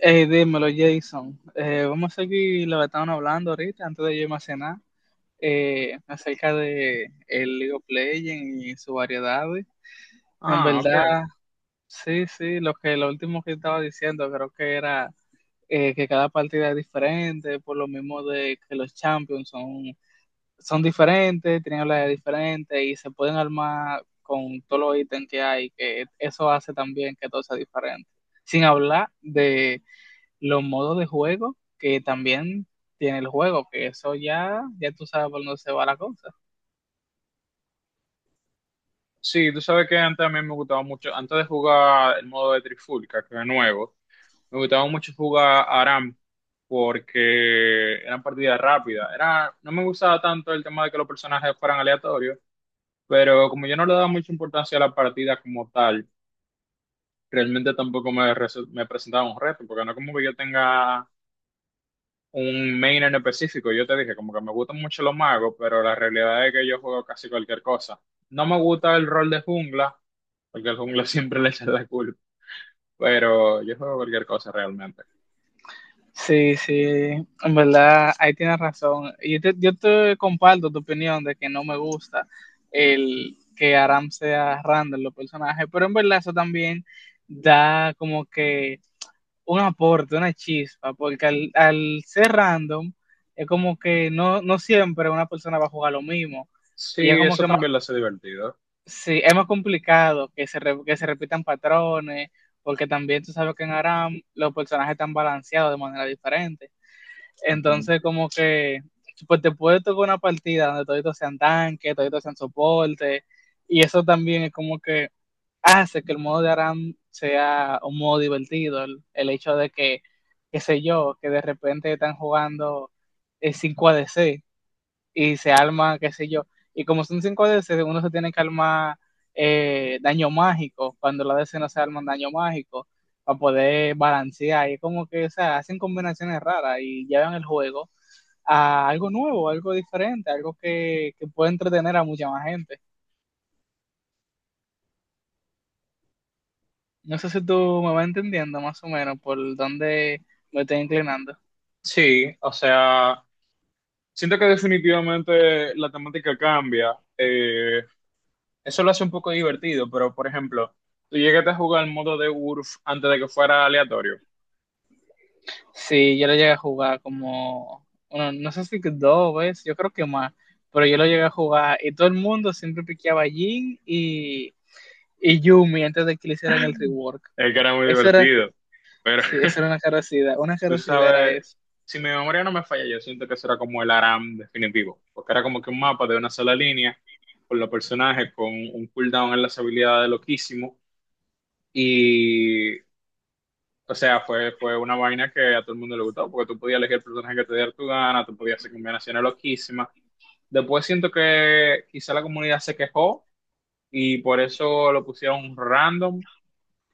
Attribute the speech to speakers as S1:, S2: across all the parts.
S1: Dímelo, Jason. Vamos a seguir lo que estaban hablando ahorita, antes de yo irme a cenar, acerca de el League of Legends y sus variedades. En
S2: Ah, ok.
S1: verdad, sí, sí, lo último que estaba diciendo, creo que era que cada partida es diferente, por lo mismo de que los champions son diferentes, tienen habilidades diferentes y se pueden armar con todos los ítems que hay, que eso hace también que todo sea diferente. Sin hablar de los modos de juego que también tiene el juego, que eso ya tú sabes por dónde se va la cosa.
S2: Sí, tú sabes que antes a mí me gustaba mucho, antes de jugar el modo de Trifulca, que es nuevo, me gustaba mucho jugar Aram porque eran partidas rápidas. Era, no me gustaba tanto el tema de que los personajes fueran aleatorios, pero como yo no le daba mucha importancia a la partida como tal, realmente tampoco me presentaba un reto, porque no como que yo tenga un main en específico. Yo te dije, como que me gustan mucho los magos, pero la realidad es que yo juego casi cualquier cosa. No me gusta el rol de jungla porque al jungla siempre le echan la culpa, pero yo juego cualquier cosa realmente.
S1: Sí, sí, en verdad, ahí tienes razón. Yo te comparto tu opinión de que no me gusta el que Aram sea random los personajes, pero en verdad eso también da como que un aporte, una chispa, porque al ser random es como que no, no siempre una persona va a jugar lo mismo, y es
S2: Sí,
S1: como
S2: eso
S1: que.
S2: también lo hace divertido.
S1: Sí, es más complicado que que se repitan patrones, porque también tú sabes que en Aram los personajes están balanceados de manera diferente.
S2: Ujú.
S1: Entonces, como que pues te puede tocar una partida donde toditos sean tanque, toditos sean soporte, y eso también es como que hace que el modo de Aram sea un modo divertido. El hecho de que, qué sé yo, que de repente están jugando 5 ADC y se arma, qué sé yo. Y como son 5D, uno se tiene que armar daño mágico, cuando la DC no se arman daño mágico, para poder balancear. Y es como que, o sea, hacen combinaciones raras y llevan el juego a algo nuevo, algo diferente, algo que puede entretener a mucha más gente. No sé si tú me vas entendiendo más o menos por dónde me estoy inclinando.
S2: Sí, o sea, siento que definitivamente la temática cambia. Eso lo hace un poco divertido, pero por ejemplo, tú llegaste a jugar el modo de Urf antes de que fuera aleatorio,
S1: Sí, yo lo llegué a jugar como, bueno, no sé si que dos veces, yo creo que más, pero yo lo llegué a jugar y todo el mundo siempre piqueaba a Jhin y Yumi antes de que le hicieran el rework.
S2: el que era muy
S1: Eso era,
S2: divertido, pero
S1: sí, eso era una
S2: tú
S1: carosidad era
S2: sabes,
S1: eso.
S2: si mi memoria no me falla, yo siento que eso era como el ARAM definitivo, porque era como que un mapa de una sola línea, con los personajes, con un cooldown en las habilidades loquísimo, y, o sea, fue una vaina que a todo el mundo le gustó, porque tú podías elegir el personaje que te diera tu gana, tú podías hacer combinaciones loquísimas. Después siento que quizá la comunidad se quejó y por eso lo pusieron random,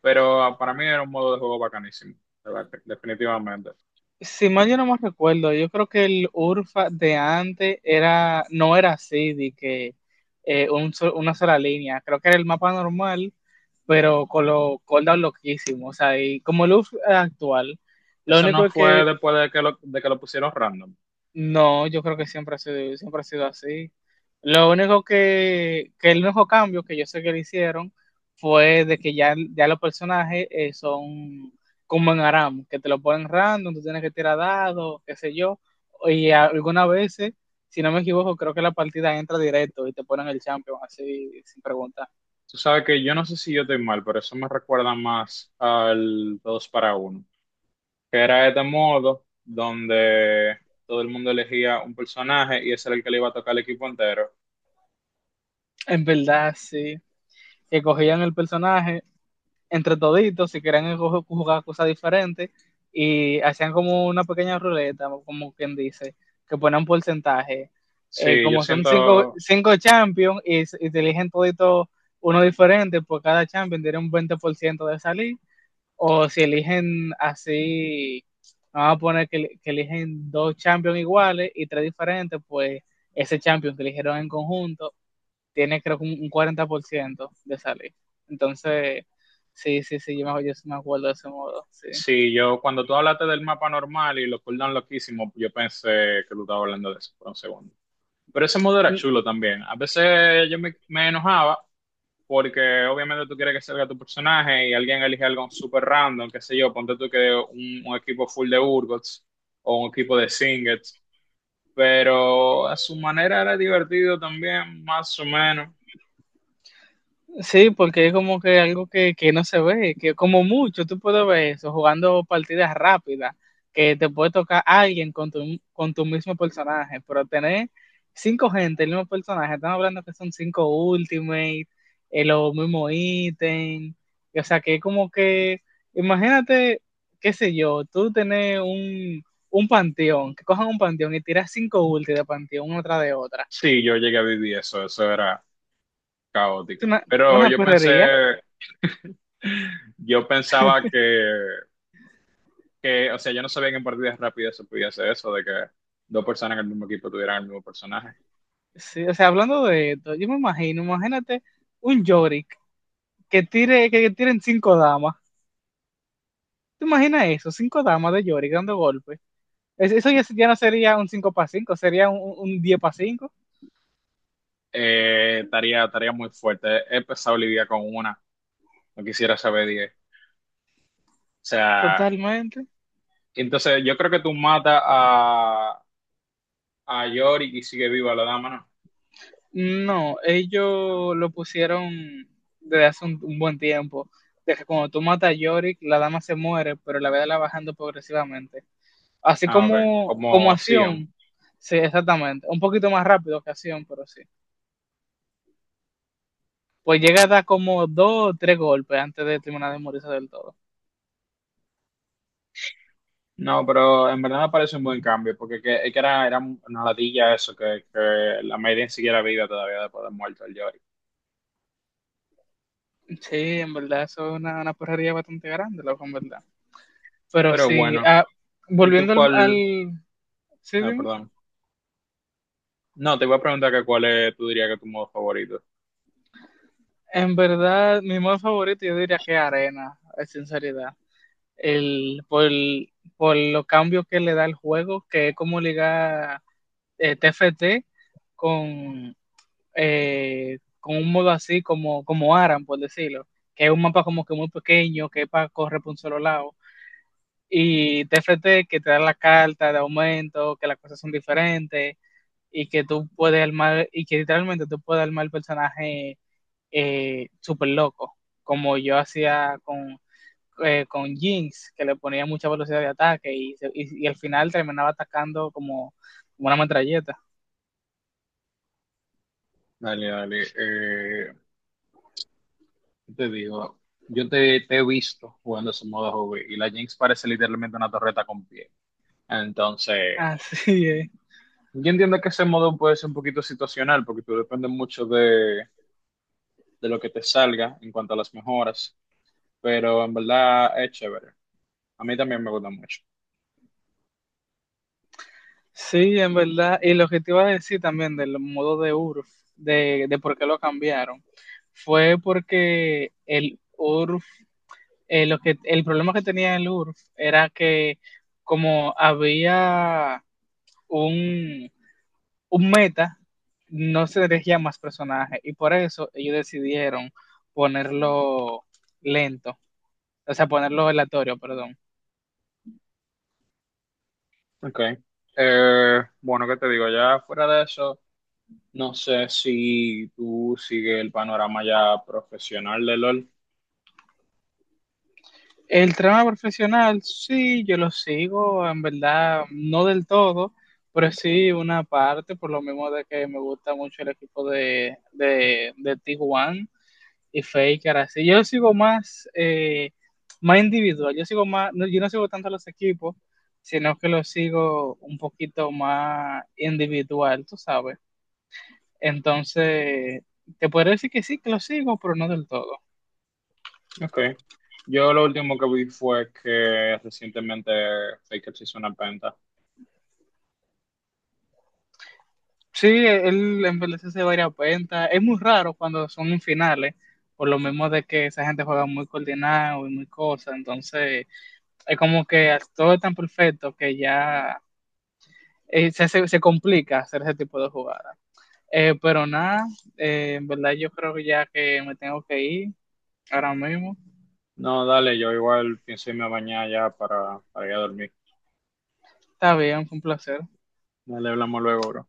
S2: pero para mí era un modo de juego bacanísimo, de verdad, definitivamente.
S1: Si mal yo no me recuerdo, yo creo que el Urfa de antes era, no era así, de que una sola línea, creo que era el mapa normal, pero con los cooldowns loquísimos, o sea, y como el Urfa actual. Lo
S2: Eso
S1: único
S2: no
S1: es
S2: fue
S1: que.
S2: después de de que lo pusieron random.
S1: No, yo creo que siempre ha sido así. Lo único que el único cambio que yo sé que le hicieron fue de que ya los personajes son como en Aram, que te lo ponen random, tú tienes que tirar dados, qué sé yo, y algunas veces, si no me equivoco, creo que la partida entra directo y te ponen el champion así sin preguntar.
S2: Tú sabes que yo no sé si yo estoy mal, pero eso me recuerda más al 2 para uno, que era este modo donde todo el mundo elegía un personaje y ese era el que le iba a tocar al equipo entero.
S1: En verdad, sí, que cogían el personaje entre toditos, si querían jugar cosas diferentes, y hacían como una pequeña ruleta, como quien dice, que ponían un porcentaje. Eh,
S2: Sí, yo
S1: como son cinco,
S2: siento,
S1: cinco champions y te eligen todito uno diferente, por cada champion tiene un 20% de salir, o si eligen así, vamos a poner que eligen dos champions iguales y tres diferentes, pues ese champion que eligieron en conjunto tiene creo que un 40% de salir. Entonces, sí, sí, sí, yo sí me acuerdo de ese modo, sí.
S2: sí, yo cuando tú hablaste del mapa normal y lo cooldown loquísimo, yo pensé que tú estabas hablando de eso por un segundo. Pero ese modo era chulo también. A veces me enojaba porque obviamente tú quieres que salga tu personaje y alguien elige algo súper random, qué sé yo, ponte tú que un equipo full de Urgots o un equipo de Singets, pero a su manera era divertido también, más o menos.
S1: Sí, porque es como que algo que no se ve, que como mucho tú puedes ver eso jugando partidas rápidas, que te puede tocar alguien con con tu mismo personaje, pero tener cinco gente, el mismo personaje, estamos hablando que son cinco ultimate, los mismos ítems, y, o sea que es como que, imagínate, qué sé yo, un panteón, que cojan un panteón y tiras cinco ulti de panteón una tras de otra.
S2: Sí, yo llegué a vivir eso, eso era
S1: Es
S2: caótico, pero
S1: una
S2: yo
S1: perrería.
S2: pensé, yo pensaba que, o sea, yo no sabía que en partidas rápidas se podía hacer eso, de que dos personas en el mismo equipo tuvieran el mismo personaje.
S1: Sí, o sea, hablando de esto, yo me imagino, imagínate un Yorick que tire, que tiren cinco damas. ¿Te imaginas eso? Cinco damas de Yorick dando golpes. Eso ya no sería un 5 para 5, sería un 10 para 5,
S2: Tarea, tarea muy fuerte. He empezado Olivia con una. No quisiera saber diez. O sea,
S1: totalmente.
S2: entonces yo creo que tú matas a Yorick y sigue viva la dama, ¿no?
S1: No, ellos lo pusieron desde hace un buen tiempo. De que cuando tú matas a Yorick, la dama se muere, pero la vida la va bajando progresivamente. Así
S2: Ah, ok.
S1: como, como
S2: Como Sion.
S1: acción, sí, exactamente. Un poquito más rápido que acción, pero sí. Pues llega a dar como dos o tres golpes antes de terminar de morirse del todo.
S2: No, pero en verdad me parece un buen cambio, porque es que era una ladilla eso, que la Maiden siguiera viva todavía después de muerto el Yorick.
S1: Sí, en verdad, eso es una porrería bastante grande, loco, en verdad. Pero
S2: Pero
S1: sí,
S2: bueno,
S1: ah,
S2: ¿y tú
S1: volviendo
S2: cuál?
S1: Sí,
S2: Ah,
S1: dime.
S2: perdón. No, te voy a preguntar que cuál es, tú dirías que es tu modo favorito.
S1: En verdad, mi modo favorito yo diría que Arena, en sinceridad. Por los cambios que le da el juego, que es como ligar TFT con, con un modo así como, como Aran, por decirlo. Que es un mapa como que muy pequeño, que es para correr por un solo lado y de frente que te dan la carta de aumento, que las cosas son diferentes y que tú puedes armar, y que literalmente tú puedes armar el personaje súper loco, como yo hacía con Jinx, que le ponía mucha velocidad de ataque y al final terminaba atacando como, como una metralleta.
S2: Dale, dale. Te digo, te he visto jugando ese modo hobby y la Jinx parece literalmente una torreta con pie. Entonces,
S1: Así es.
S2: yo entiendo que ese modo puede ser un poquito situacional porque tú depende mucho de lo que te salga en cuanto a las mejoras, pero en verdad es chévere. A mí también me gusta mucho.
S1: Sí, en verdad. Y lo que te iba a decir también del modo de URF, de por qué lo cambiaron, fue porque el URF el problema que tenía el URF era que como había un, un meta, no se elegía más personajes y por eso ellos decidieron ponerlo lento, o sea, ponerlo aleatorio, perdón.
S2: Ok. Bueno, ¿qué te digo? Ya fuera de eso, no sé si tú sigues el panorama ya profesional de LOL.
S1: El trama profesional, sí, yo lo sigo, en verdad, no del todo, pero sí una parte, por lo mismo de que me gusta mucho el equipo de Tijuana y Faker así. Yo sigo más, más individual, yo sigo más, no, yo no sigo tanto los equipos, sino que los sigo un poquito más individual, tú sabes. Entonces, te puedo decir que sí, que lo sigo, pero no del todo.
S2: Ok. Yo lo último que vi fue que recientemente Faker se hizo una venta.
S1: Sí, él envejece varias cuentas. Es muy raro cuando son en finales, por lo mismo de que esa gente juega muy coordinado y muy cosa. Entonces, es como que todo es tan perfecto que ya se complica hacer ese tipo de jugadas. Pero nada, en verdad yo creo que ya que me tengo que ir ahora mismo.
S2: No, dale, yo igual pienso irme a bañar ya para ir a dormir.
S1: Está bien, fue un placer.
S2: Dale, hablamos luego, bro.